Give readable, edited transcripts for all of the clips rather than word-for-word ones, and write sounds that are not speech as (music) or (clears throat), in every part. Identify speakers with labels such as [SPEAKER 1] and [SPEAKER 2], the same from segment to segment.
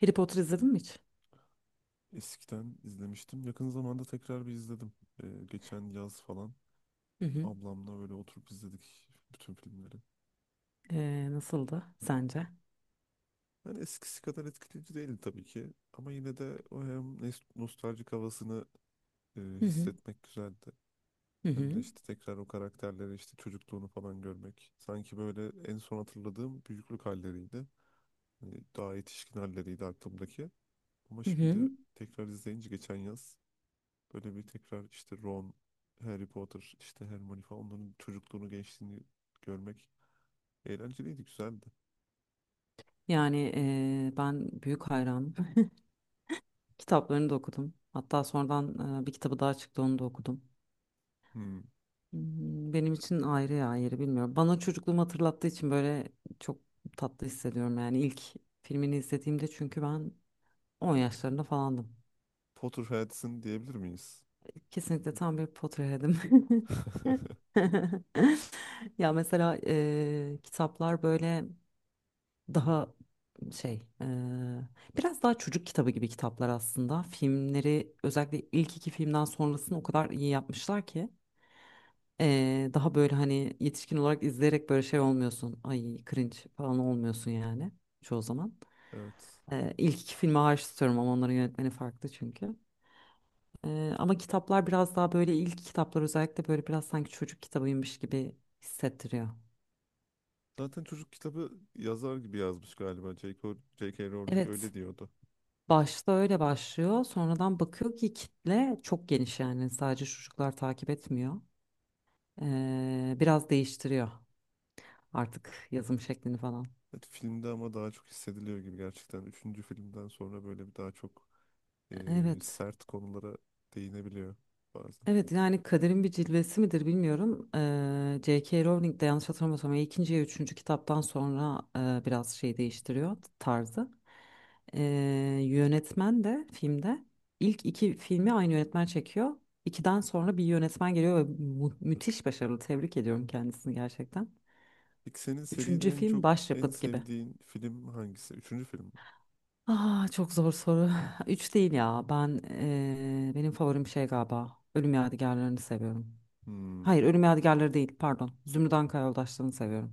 [SPEAKER 1] Harry Potter izledin mi hiç?
[SPEAKER 2] Eskiden izlemiştim. Yakın zamanda tekrar bir izledim. Geçen yaz falan
[SPEAKER 1] Hı hı.
[SPEAKER 2] ablamla böyle oturup izledik bütün filmleri.
[SPEAKER 1] Nasıldı sence?
[SPEAKER 2] Yani eskisi kadar etkileyici değildi tabii ki. Ama yine de o hem nostaljik havasını
[SPEAKER 1] Hı hı.
[SPEAKER 2] hissetmek güzeldi.
[SPEAKER 1] Hı
[SPEAKER 2] Hem de
[SPEAKER 1] hı.
[SPEAKER 2] işte tekrar o karakterleri işte çocukluğunu falan görmek. Sanki böyle en son hatırladığım büyüklük halleriydi. Hani daha yetişkin halleriydi aklımdaki. Ama
[SPEAKER 1] Hı
[SPEAKER 2] şimdi
[SPEAKER 1] hı.
[SPEAKER 2] tekrar izleyince geçen yaz böyle bir tekrar işte Ron, Harry Potter, işte Hermione falan onların çocukluğunu, gençliğini görmek eğlenceliydi, güzeldi.
[SPEAKER 1] Yani ben büyük hayranım. (laughs) Kitaplarını da okudum. Hatta sonradan bir kitabı daha çıktı onu da okudum.
[SPEAKER 2] Hmm.
[SPEAKER 1] Hmm, benim için ayrı ya yeri bilmiyorum. Bana çocukluğumu hatırlattığı için böyle çok tatlı hissediyorum. Yani ilk filmini izlediğimde çünkü ben on yaşlarında falandım.
[SPEAKER 2] Potterheads'in diyebilir miyiz?
[SPEAKER 1] Kesinlikle tam bir Potterhead'im. (laughs)
[SPEAKER 2] (laughs)
[SPEAKER 1] (laughs) Ya mesela kitaplar böyle daha şey eee, biraz daha çocuk kitabı gibi kitaplar aslında. Filmleri özellikle ilk iki filmden sonrasını o kadar iyi yapmışlar ki daha böyle hani yetişkin olarak izleyerek böyle şey olmuyorsun. Ay cringe falan olmuyorsun yani çoğu zaman.
[SPEAKER 2] Evet.
[SPEAKER 1] İlk iki filmi hariç tutuyorum ama onların yönetmeni farklı çünkü. Ama kitaplar biraz daha böyle ilk kitaplar özellikle böyle biraz sanki çocuk kitabıymış gibi hissettiriyor.
[SPEAKER 2] Zaten çocuk kitabı yazar gibi yazmış galiba. J.K. Rowling
[SPEAKER 1] Evet.
[SPEAKER 2] öyle diyordu.
[SPEAKER 1] Başta öyle başlıyor. Sonradan bakıyor ki kitle çok geniş yani sadece çocuklar takip etmiyor. Biraz değiştiriyor artık yazım şeklini falan.
[SPEAKER 2] Evet, filmde ama daha çok hissediliyor gibi gerçekten. Üçüncü filmden sonra böyle bir daha çok
[SPEAKER 1] Evet.
[SPEAKER 2] sert konulara değinebiliyor bazen.
[SPEAKER 1] Evet yani kaderin bir cilvesi midir bilmiyorum. J.K. Rowling de yanlış hatırlamıyorsam ya ikinci ya üçüncü kitaptan sonra biraz şey değiştiriyor tarzı. Eee, Yönetmen de filmde ilk iki filmi aynı yönetmen çekiyor. İkiden sonra bir yönetmen geliyor ve müthiş başarılı. Tebrik ediyorum kendisini gerçekten.
[SPEAKER 2] Peki senin
[SPEAKER 1] Üçüncü
[SPEAKER 2] seride en
[SPEAKER 1] film
[SPEAKER 2] çok en
[SPEAKER 1] başyapıt gibi.
[SPEAKER 2] sevdiğin film hangisi? Üçüncü film mi?
[SPEAKER 1] Ah çok zor soru. (laughs) (sighs) Üç değil ya. Ben benim favorim şey galiba. Ölüm Yadigarlarını seviyorum.
[SPEAKER 2] Hmm.
[SPEAKER 1] Hayır, Ölüm Yadigarları değil, pardon. Zümrüt Anka Yoldaşları'nı seviyorum.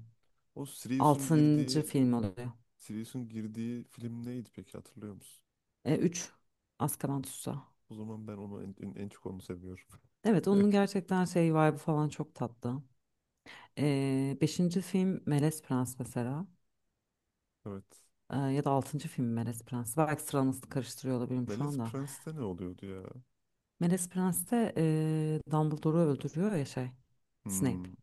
[SPEAKER 2] O Sirius'un
[SPEAKER 1] Altıncı
[SPEAKER 2] girdiği
[SPEAKER 1] film oluyor.
[SPEAKER 2] Sirius'un girdiği film neydi peki hatırlıyor musun?
[SPEAKER 1] E, üç, Azkaban Tutsağı.
[SPEAKER 2] O zaman ben onu en, en, en çok onu seviyorum.
[SPEAKER 1] Evet, onun
[SPEAKER 2] (laughs)
[SPEAKER 1] gerçekten şey vibe'ı falan çok tatlı. Beşinci film Melez Prens mesela.
[SPEAKER 2] Evet.
[SPEAKER 1] Ya da altıncı film Melez Prens. Belki sıralamasını karıştırıyor olabilirim şu
[SPEAKER 2] Melis
[SPEAKER 1] anda.
[SPEAKER 2] Prence'te ne oluyordu ya?
[SPEAKER 1] Melez Prens'te Dumbledore'u öldürüyor ya şey, Snape.
[SPEAKER 2] Hmm.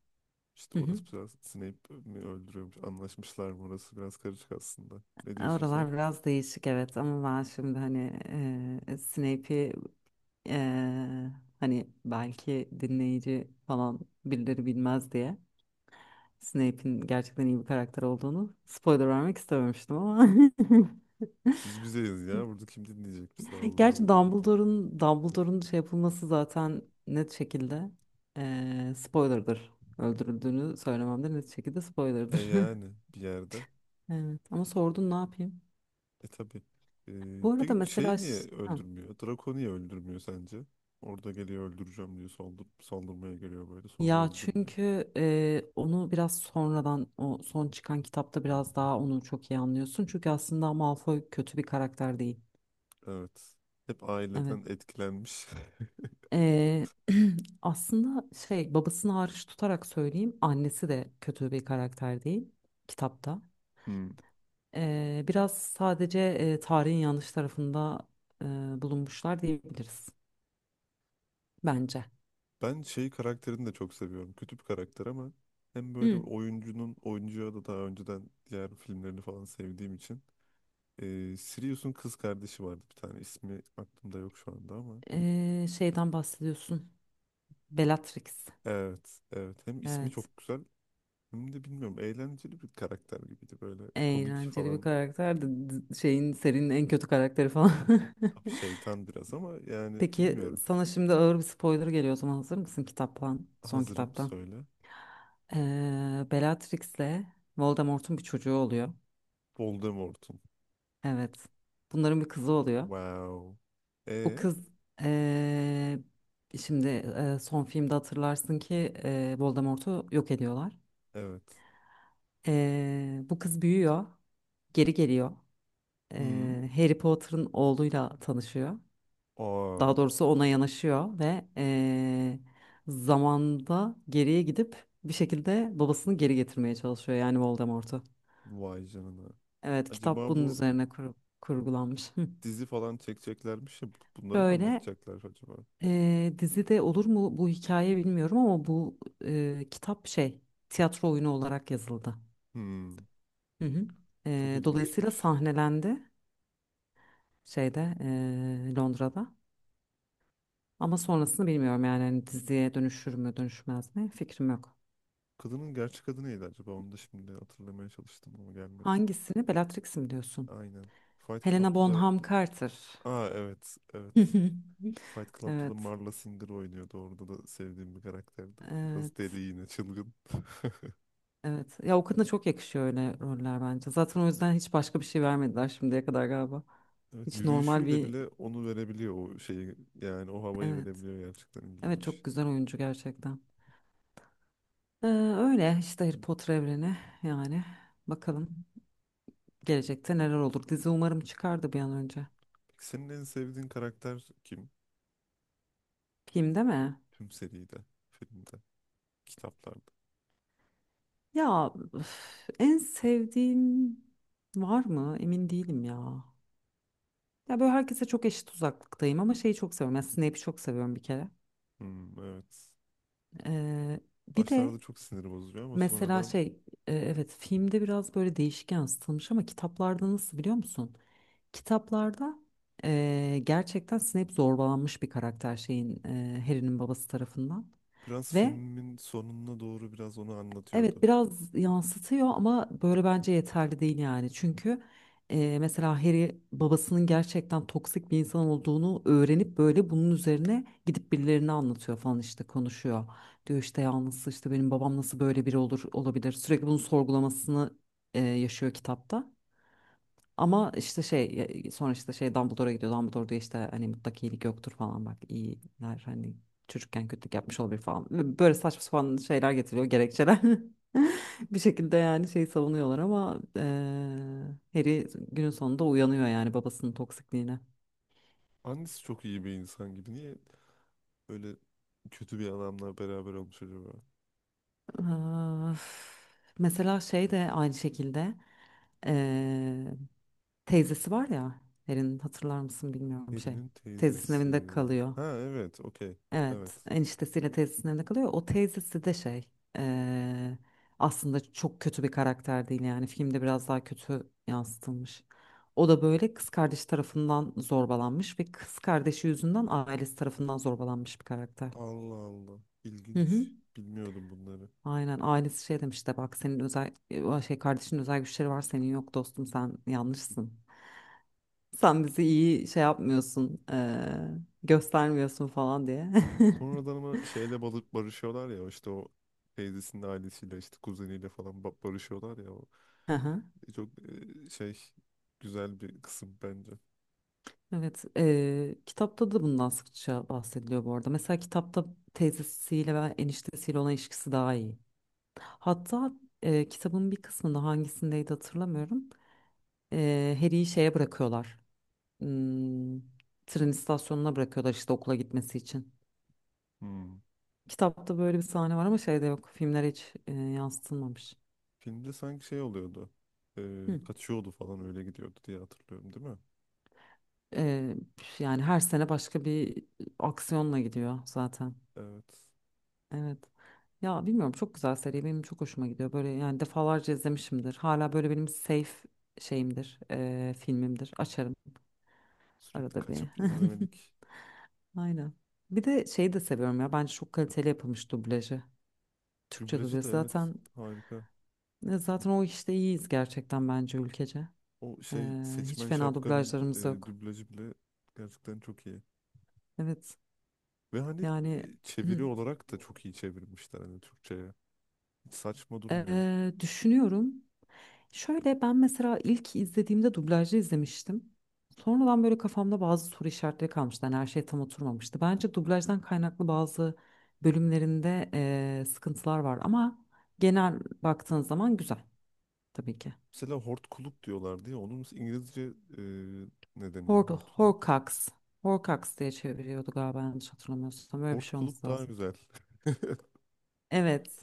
[SPEAKER 2] İşte
[SPEAKER 1] Hı hı.
[SPEAKER 2] orası biraz Snape mi öldürüyormuş? Anlaşmışlar mı? Orası biraz karışık aslında. Ne diyorsun sen?
[SPEAKER 1] Oralar biraz değişik evet ama ben şimdi hani Snape'i Eee, hani belki dinleyici falan birileri bilmez diye Snape'in gerçekten iyi bir karakter olduğunu spoiler vermek istememiştim ama
[SPEAKER 2] Biz bizeyiz ya. Burada kim dinleyecek bizi?
[SPEAKER 1] (laughs)
[SPEAKER 2] Allah
[SPEAKER 1] gerçi
[SPEAKER 2] Allah burada.
[SPEAKER 1] Dumbledore'un şey yapılması zaten net şekilde spoiler'dır. Öldürüldüğünü söylemem de net şekilde
[SPEAKER 2] E
[SPEAKER 1] spoiler'dır.
[SPEAKER 2] yani
[SPEAKER 1] (laughs)
[SPEAKER 2] bir yerde.
[SPEAKER 1] Evet ama sordun ne yapayım?
[SPEAKER 2] E tabii. E,
[SPEAKER 1] Bu arada
[SPEAKER 2] peki
[SPEAKER 1] mesela
[SPEAKER 2] şey niye
[SPEAKER 1] ha,
[SPEAKER 2] öldürmüyor? Draco niye öldürmüyor sence? Orada geliyor öldüreceğim diyor. Saldır, saldırmaya geliyor böyle. Sonra
[SPEAKER 1] ya
[SPEAKER 2] öldürmüyor.
[SPEAKER 1] çünkü onu biraz sonradan o son çıkan kitapta biraz daha onu çok iyi anlıyorsun. Çünkü aslında Malfoy kötü bir karakter değil.
[SPEAKER 2] Evet. Hep
[SPEAKER 1] Evet.
[SPEAKER 2] aileden etkilenmiş. (laughs)
[SPEAKER 1] Eee, (clears throat) aslında şey babasını hariç tutarak söyleyeyim annesi de kötü bir karakter değil kitapta.
[SPEAKER 2] Hmm.
[SPEAKER 1] Biraz sadece tarihin yanlış tarafında eee, bulunmuşlar diyebiliriz bence.
[SPEAKER 2] Ben şey karakterini de çok seviyorum. Kötü bir karakter ama hem böyle
[SPEAKER 1] Hı.
[SPEAKER 2] oyuncunun oyuncuya da daha önceden diğer filmlerini falan sevdiğim için. Sirius'un kız kardeşi vardı bir tane. İsmi aklımda yok şu anda ama.
[SPEAKER 1] Şeyden bahsediyorsun. Bellatrix.
[SPEAKER 2] Evet, evet. Hem ismi
[SPEAKER 1] Evet.
[SPEAKER 2] çok güzel hem de bilmiyorum eğlenceli bir karakter gibiydi. Böyle komik
[SPEAKER 1] Eğlenceli bir
[SPEAKER 2] falan.
[SPEAKER 1] karakter de şeyin serinin en kötü karakteri falan.
[SPEAKER 2] Tabii
[SPEAKER 1] (laughs)
[SPEAKER 2] şeytan biraz ama yani
[SPEAKER 1] Peki
[SPEAKER 2] bilmiyorum.
[SPEAKER 1] sana şimdi ağır bir spoiler geliyor o zaman hazır mısın kitaptan, son
[SPEAKER 2] Hazırım
[SPEAKER 1] kitaptan?
[SPEAKER 2] söyle.
[SPEAKER 1] Bellatrix'le Voldemort'un bir çocuğu oluyor.
[SPEAKER 2] Voldemort'un.
[SPEAKER 1] Evet. Bunların bir kızı oluyor.
[SPEAKER 2] Wow.
[SPEAKER 1] O
[SPEAKER 2] E
[SPEAKER 1] kız ee, şimdi son filmde hatırlarsın ki Voldemort'u yok ediyorlar.
[SPEAKER 2] evet.
[SPEAKER 1] Bu kız büyüyor, geri geliyor.
[SPEAKER 2] Hı.
[SPEAKER 1] Harry Potter'ın oğluyla tanışıyor.
[SPEAKER 2] Aa,
[SPEAKER 1] Daha doğrusu ona yanaşıyor ve zamanda geriye gidip bir şekilde babasını geri getirmeye çalışıyor yani Voldemort'u.
[SPEAKER 2] vay canına.
[SPEAKER 1] Evet kitap
[SPEAKER 2] Acaba
[SPEAKER 1] bunun
[SPEAKER 2] bu
[SPEAKER 1] üzerine kurgulanmış. Hı.
[SPEAKER 2] dizi falan çekeceklermiş ya bunları mı
[SPEAKER 1] Şöyle
[SPEAKER 2] anlatacaklar acaba?
[SPEAKER 1] dizide olur mu bu hikaye bilmiyorum ama bu kitap şey tiyatro oyunu olarak yazıldı.
[SPEAKER 2] Hmm,
[SPEAKER 1] Hı hı.
[SPEAKER 2] çok
[SPEAKER 1] Dolayısıyla
[SPEAKER 2] ilginçmiş.
[SPEAKER 1] sahnelendi şeyde Londra'da. Ama sonrasını bilmiyorum yani hani diziye dönüşür mü dönüşmez mi fikrim yok.
[SPEAKER 2] Kadının gerçek adı neydi acaba? Onu da şimdi hatırlamaya çalıştım ama gelmedi.
[SPEAKER 1] Hangisini Bellatrix mi diyorsun?
[SPEAKER 2] Aynen. Fight
[SPEAKER 1] Helena
[SPEAKER 2] Club'da da
[SPEAKER 1] Bonham Carter.
[SPEAKER 2] aa evet, evet.
[SPEAKER 1] (laughs)
[SPEAKER 2] Fight Club'da da
[SPEAKER 1] Evet,
[SPEAKER 2] Marla Singer oynuyordu. Orada da sevdiğim bir karakterdi. Biraz deli
[SPEAKER 1] evet,
[SPEAKER 2] yine, çılgın.
[SPEAKER 1] evet. Ya o kadına çok yakışıyor öyle roller bence. Zaten o yüzden hiç başka bir şey vermediler şimdiye kadar galiba.
[SPEAKER 2] Evet,
[SPEAKER 1] Hiç normal
[SPEAKER 2] yürüyüşüyle
[SPEAKER 1] bir,
[SPEAKER 2] bile onu verebiliyor o şeyi. Yani o havayı
[SPEAKER 1] evet.
[SPEAKER 2] verebiliyor gerçekten
[SPEAKER 1] Evet
[SPEAKER 2] ilginç.
[SPEAKER 1] çok güzel oyuncu gerçekten. Ee, Öyle işte Harry Potter evreni yani. Bakalım gelecekte neler olur. Dizi umarım çıkar da bir an önce.
[SPEAKER 2] Peki senin en sevdiğin karakter kim?
[SPEAKER 1] Filmde mi?
[SPEAKER 2] Tüm seride, filmde, kitaplarda.
[SPEAKER 1] Ya üf, en sevdiğim var mı? Emin değilim ya. Ya böyle herkese çok eşit uzaklıktayım ama şeyi çok seviyorum. Yani Snape'i çok seviyorum bir kere.
[SPEAKER 2] Hmm, evet.
[SPEAKER 1] Ee, Bir
[SPEAKER 2] Başlarda
[SPEAKER 1] de
[SPEAKER 2] çok sinir bozucu ama
[SPEAKER 1] mesela
[SPEAKER 2] sonradan
[SPEAKER 1] evet filmde biraz böyle değişik yansıtılmış ama kitaplarda nasıl biliyor musun? Kitaplarda gerçekten Snape zorbalanmış bir karakter şeyin Harry'nin babası tarafından.
[SPEAKER 2] biraz
[SPEAKER 1] Ve
[SPEAKER 2] filmin sonuna doğru biraz onu
[SPEAKER 1] Evet
[SPEAKER 2] anlatıyordu.
[SPEAKER 1] biraz yansıtıyor ama böyle bence yeterli değil yani. Çünkü mesela Harry babasının gerçekten toksik bir insan olduğunu öğrenip böyle bunun üzerine gidip birilerine anlatıyor falan işte konuşuyor. Diyor işte yalnız işte benim babam nasıl böyle biri olur olabilir. Sürekli bunun sorgulamasını yaşıyor kitapta. Ama işte şey sonra işte şey Dumbledore'a gidiyor. Dumbledore diyor işte hani mutlak iyilik yoktur falan bak iyiler hani çocukken kötülük yapmış olabilir falan. Böyle saçma sapan şeyler getiriyor gerekçeler. (laughs) Bir şekilde yani şeyi savunuyorlar ama Harry günün sonunda uyanıyor yani babasının toksikliğine.
[SPEAKER 2] Annesi çok iyi bir insan gibi. Niye böyle kötü bir adamla beraber olmuş acaba?
[SPEAKER 1] Öf. Mesela şey de aynı şekilde eee, teyzesi var ya Harry'nin hatırlar mısın bilmiyorum şey
[SPEAKER 2] Perinin
[SPEAKER 1] teyzesinin
[SPEAKER 2] teyzesi.
[SPEAKER 1] evinde kalıyor.
[SPEAKER 2] Ha evet, okey.
[SPEAKER 1] Evet,
[SPEAKER 2] Evet.
[SPEAKER 1] eniştesiyle teyzesinin evinde kalıyor. O teyzesi de şey, eee, aslında çok kötü bir karakter değil yani. Filmde biraz daha kötü yansıtılmış. O da böyle kız kardeşi tarafından zorbalanmış ve kız kardeşi yüzünden ailesi tarafından zorbalanmış bir karakter.
[SPEAKER 2] Allah Allah.
[SPEAKER 1] Hı hı.
[SPEAKER 2] İlginç. Bilmiyordum bunları.
[SPEAKER 1] Aynen ailesi şey demiş de bak senin özel şey kardeşin özel güçleri var senin yok dostum sen yanlışsın. Sen bizi iyi şey yapmıyorsun, göstermiyorsun falan diye. (laughs)
[SPEAKER 2] Sonradan ama şeyle balık barışıyorlar ya işte o teyzesinin ailesiyle işte kuzeniyle falan barışıyorlar ya.
[SPEAKER 1] Hı hı.
[SPEAKER 2] Çok güzel bir kısım bence.
[SPEAKER 1] Evet, kitapta da bundan sıkça bahsediliyor bu arada. Mesela kitapta teyzesiyle ve eniştesiyle olan ilişkisi daha iyi. Hatta kitabın bir kısmında hangisindeydi hatırlamıyorum. Harry'i şeye bırakıyorlar. Hmm, tren istasyonuna bırakıyorlar işte okula gitmesi için.
[SPEAKER 2] Hmm.
[SPEAKER 1] Kitapta böyle bir sahne var ama şeyde yok. Filmlere hiç yansıtılmamış.
[SPEAKER 2] Filmde sanki şey oluyordu. E,
[SPEAKER 1] Hı.
[SPEAKER 2] Kaçıyordu falan öyle gidiyordu diye hatırlıyorum değil mi?
[SPEAKER 1] Eee, Yani her sene başka bir aksiyonla gidiyor zaten.
[SPEAKER 2] Evet.
[SPEAKER 1] Evet. Ya bilmiyorum çok güzel seri benim çok hoşuma gidiyor. Böyle yani defalarca izlemişimdir. Hala böyle benim safe filmimdir. Açarım
[SPEAKER 2] Sürekli
[SPEAKER 1] arada bir.
[SPEAKER 2] kaçıp
[SPEAKER 1] (laughs)
[SPEAKER 2] izlemelik.
[SPEAKER 1] Aynen. Bir de şeyi de seviyorum ya. Bence çok kaliteli yapılmış dublajı. Türkçe
[SPEAKER 2] Dublajı da
[SPEAKER 1] dublajı
[SPEAKER 2] evet
[SPEAKER 1] zaten
[SPEAKER 2] harika.
[SPEAKER 1] zaten o işte iyiyiz gerçekten bence ülkece.
[SPEAKER 2] O şey
[SPEAKER 1] Hiç
[SPEAKER 2] seçmen
[SPEAKER 1] fena
[SPEAKER 2] şapkanın
[SPEAKER 1] dublajlarımız yok.
[SPEAKER 2] dublajı bile gerçekten çok iyi.
[SPEAKER 1] Evet.
[SPEAKER 2] Ve hani
[SPEAKER 1] Yani hı.
[SPEAKER 2] çeviri olarak da çok iyi çevirmişler hani Türkçe'ye. Hiç saçma durmuyor.
[SPEAKER 1] Düşünüyorum. Şöyle ben mesela ilk izlediğimde dublajlı izlemiştim. Sonradan böyle kafamda bazı soru işaretleri kalmıştı. Yani her şey tam oturmamıştı. Bence dublajdan kaynaklı bazı bölümlerinde sıkıntılar var ama genel baktığın zaman güzel tabii ki.
[SPEAKER 2] Mesela hortkuluk diyorlar diye onun İngilizce e, ne
[SPEAKER 1] Hor
[SPEAKER 2] deniyor hortkuluk?
[SPEAKER 1] Horcax. Horcax diye çeviriyordu galiba yanlış hatırlamıyorsam. Böyle bir şey
[SPEAKER 2] Hortkuluk
[SPEAKER 1] olması
[SPEAKER 2] daha
[SPEAKER 1] lazım.
[SPEAKER 2] güzel. (laughs)
[SPEAKER 1] Evet.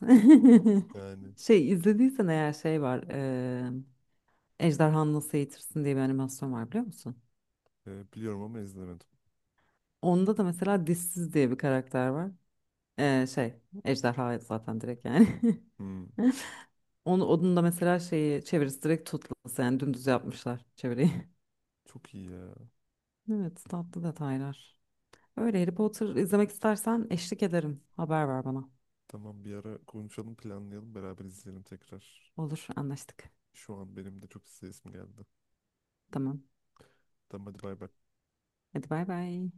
[SPEAKER 2] Yani
[SPEAKER 1] (laughs) Şey izlediysen eğer şey var. Ejderhanı Nasıl Eğitirsin diye bir animasyon var biliyor musun?
[SPEAKER 2] biliyorum ama izlemedim.
[SPEAKER 1] Onda da mesela dişsiz diye bir karakter var. Ee, şey ejderha zaten direkt yani. (laughs)
[SPEAKER 2] Hmm,
[SPEAKER 1] Onun da mesela şeyi çevirisi direkt tutulası yani dümdüz yapmışlar çeviriyi. (laughs)
[SPEAKER 2] çok iyi ya.
[SPEAKER 1] Evet tatlı detaylar. Öyle Harry Potter izlemek istersen eşlik ederim. Haber ver bana.
[SPEAKER 2] Tamam bir ara konuşalım planlayalım beraber izleyelim tekrar.
[SPEAKER 1] Olur anlaştık.
[SPEAKER 2] Şu an benim de çok izleyesim geldi.
[SPEAKER 1] Tamam.
[SPEAKER 2] Tamam hadi bay bay.
[SPEAKER 1] Hadi bay bay.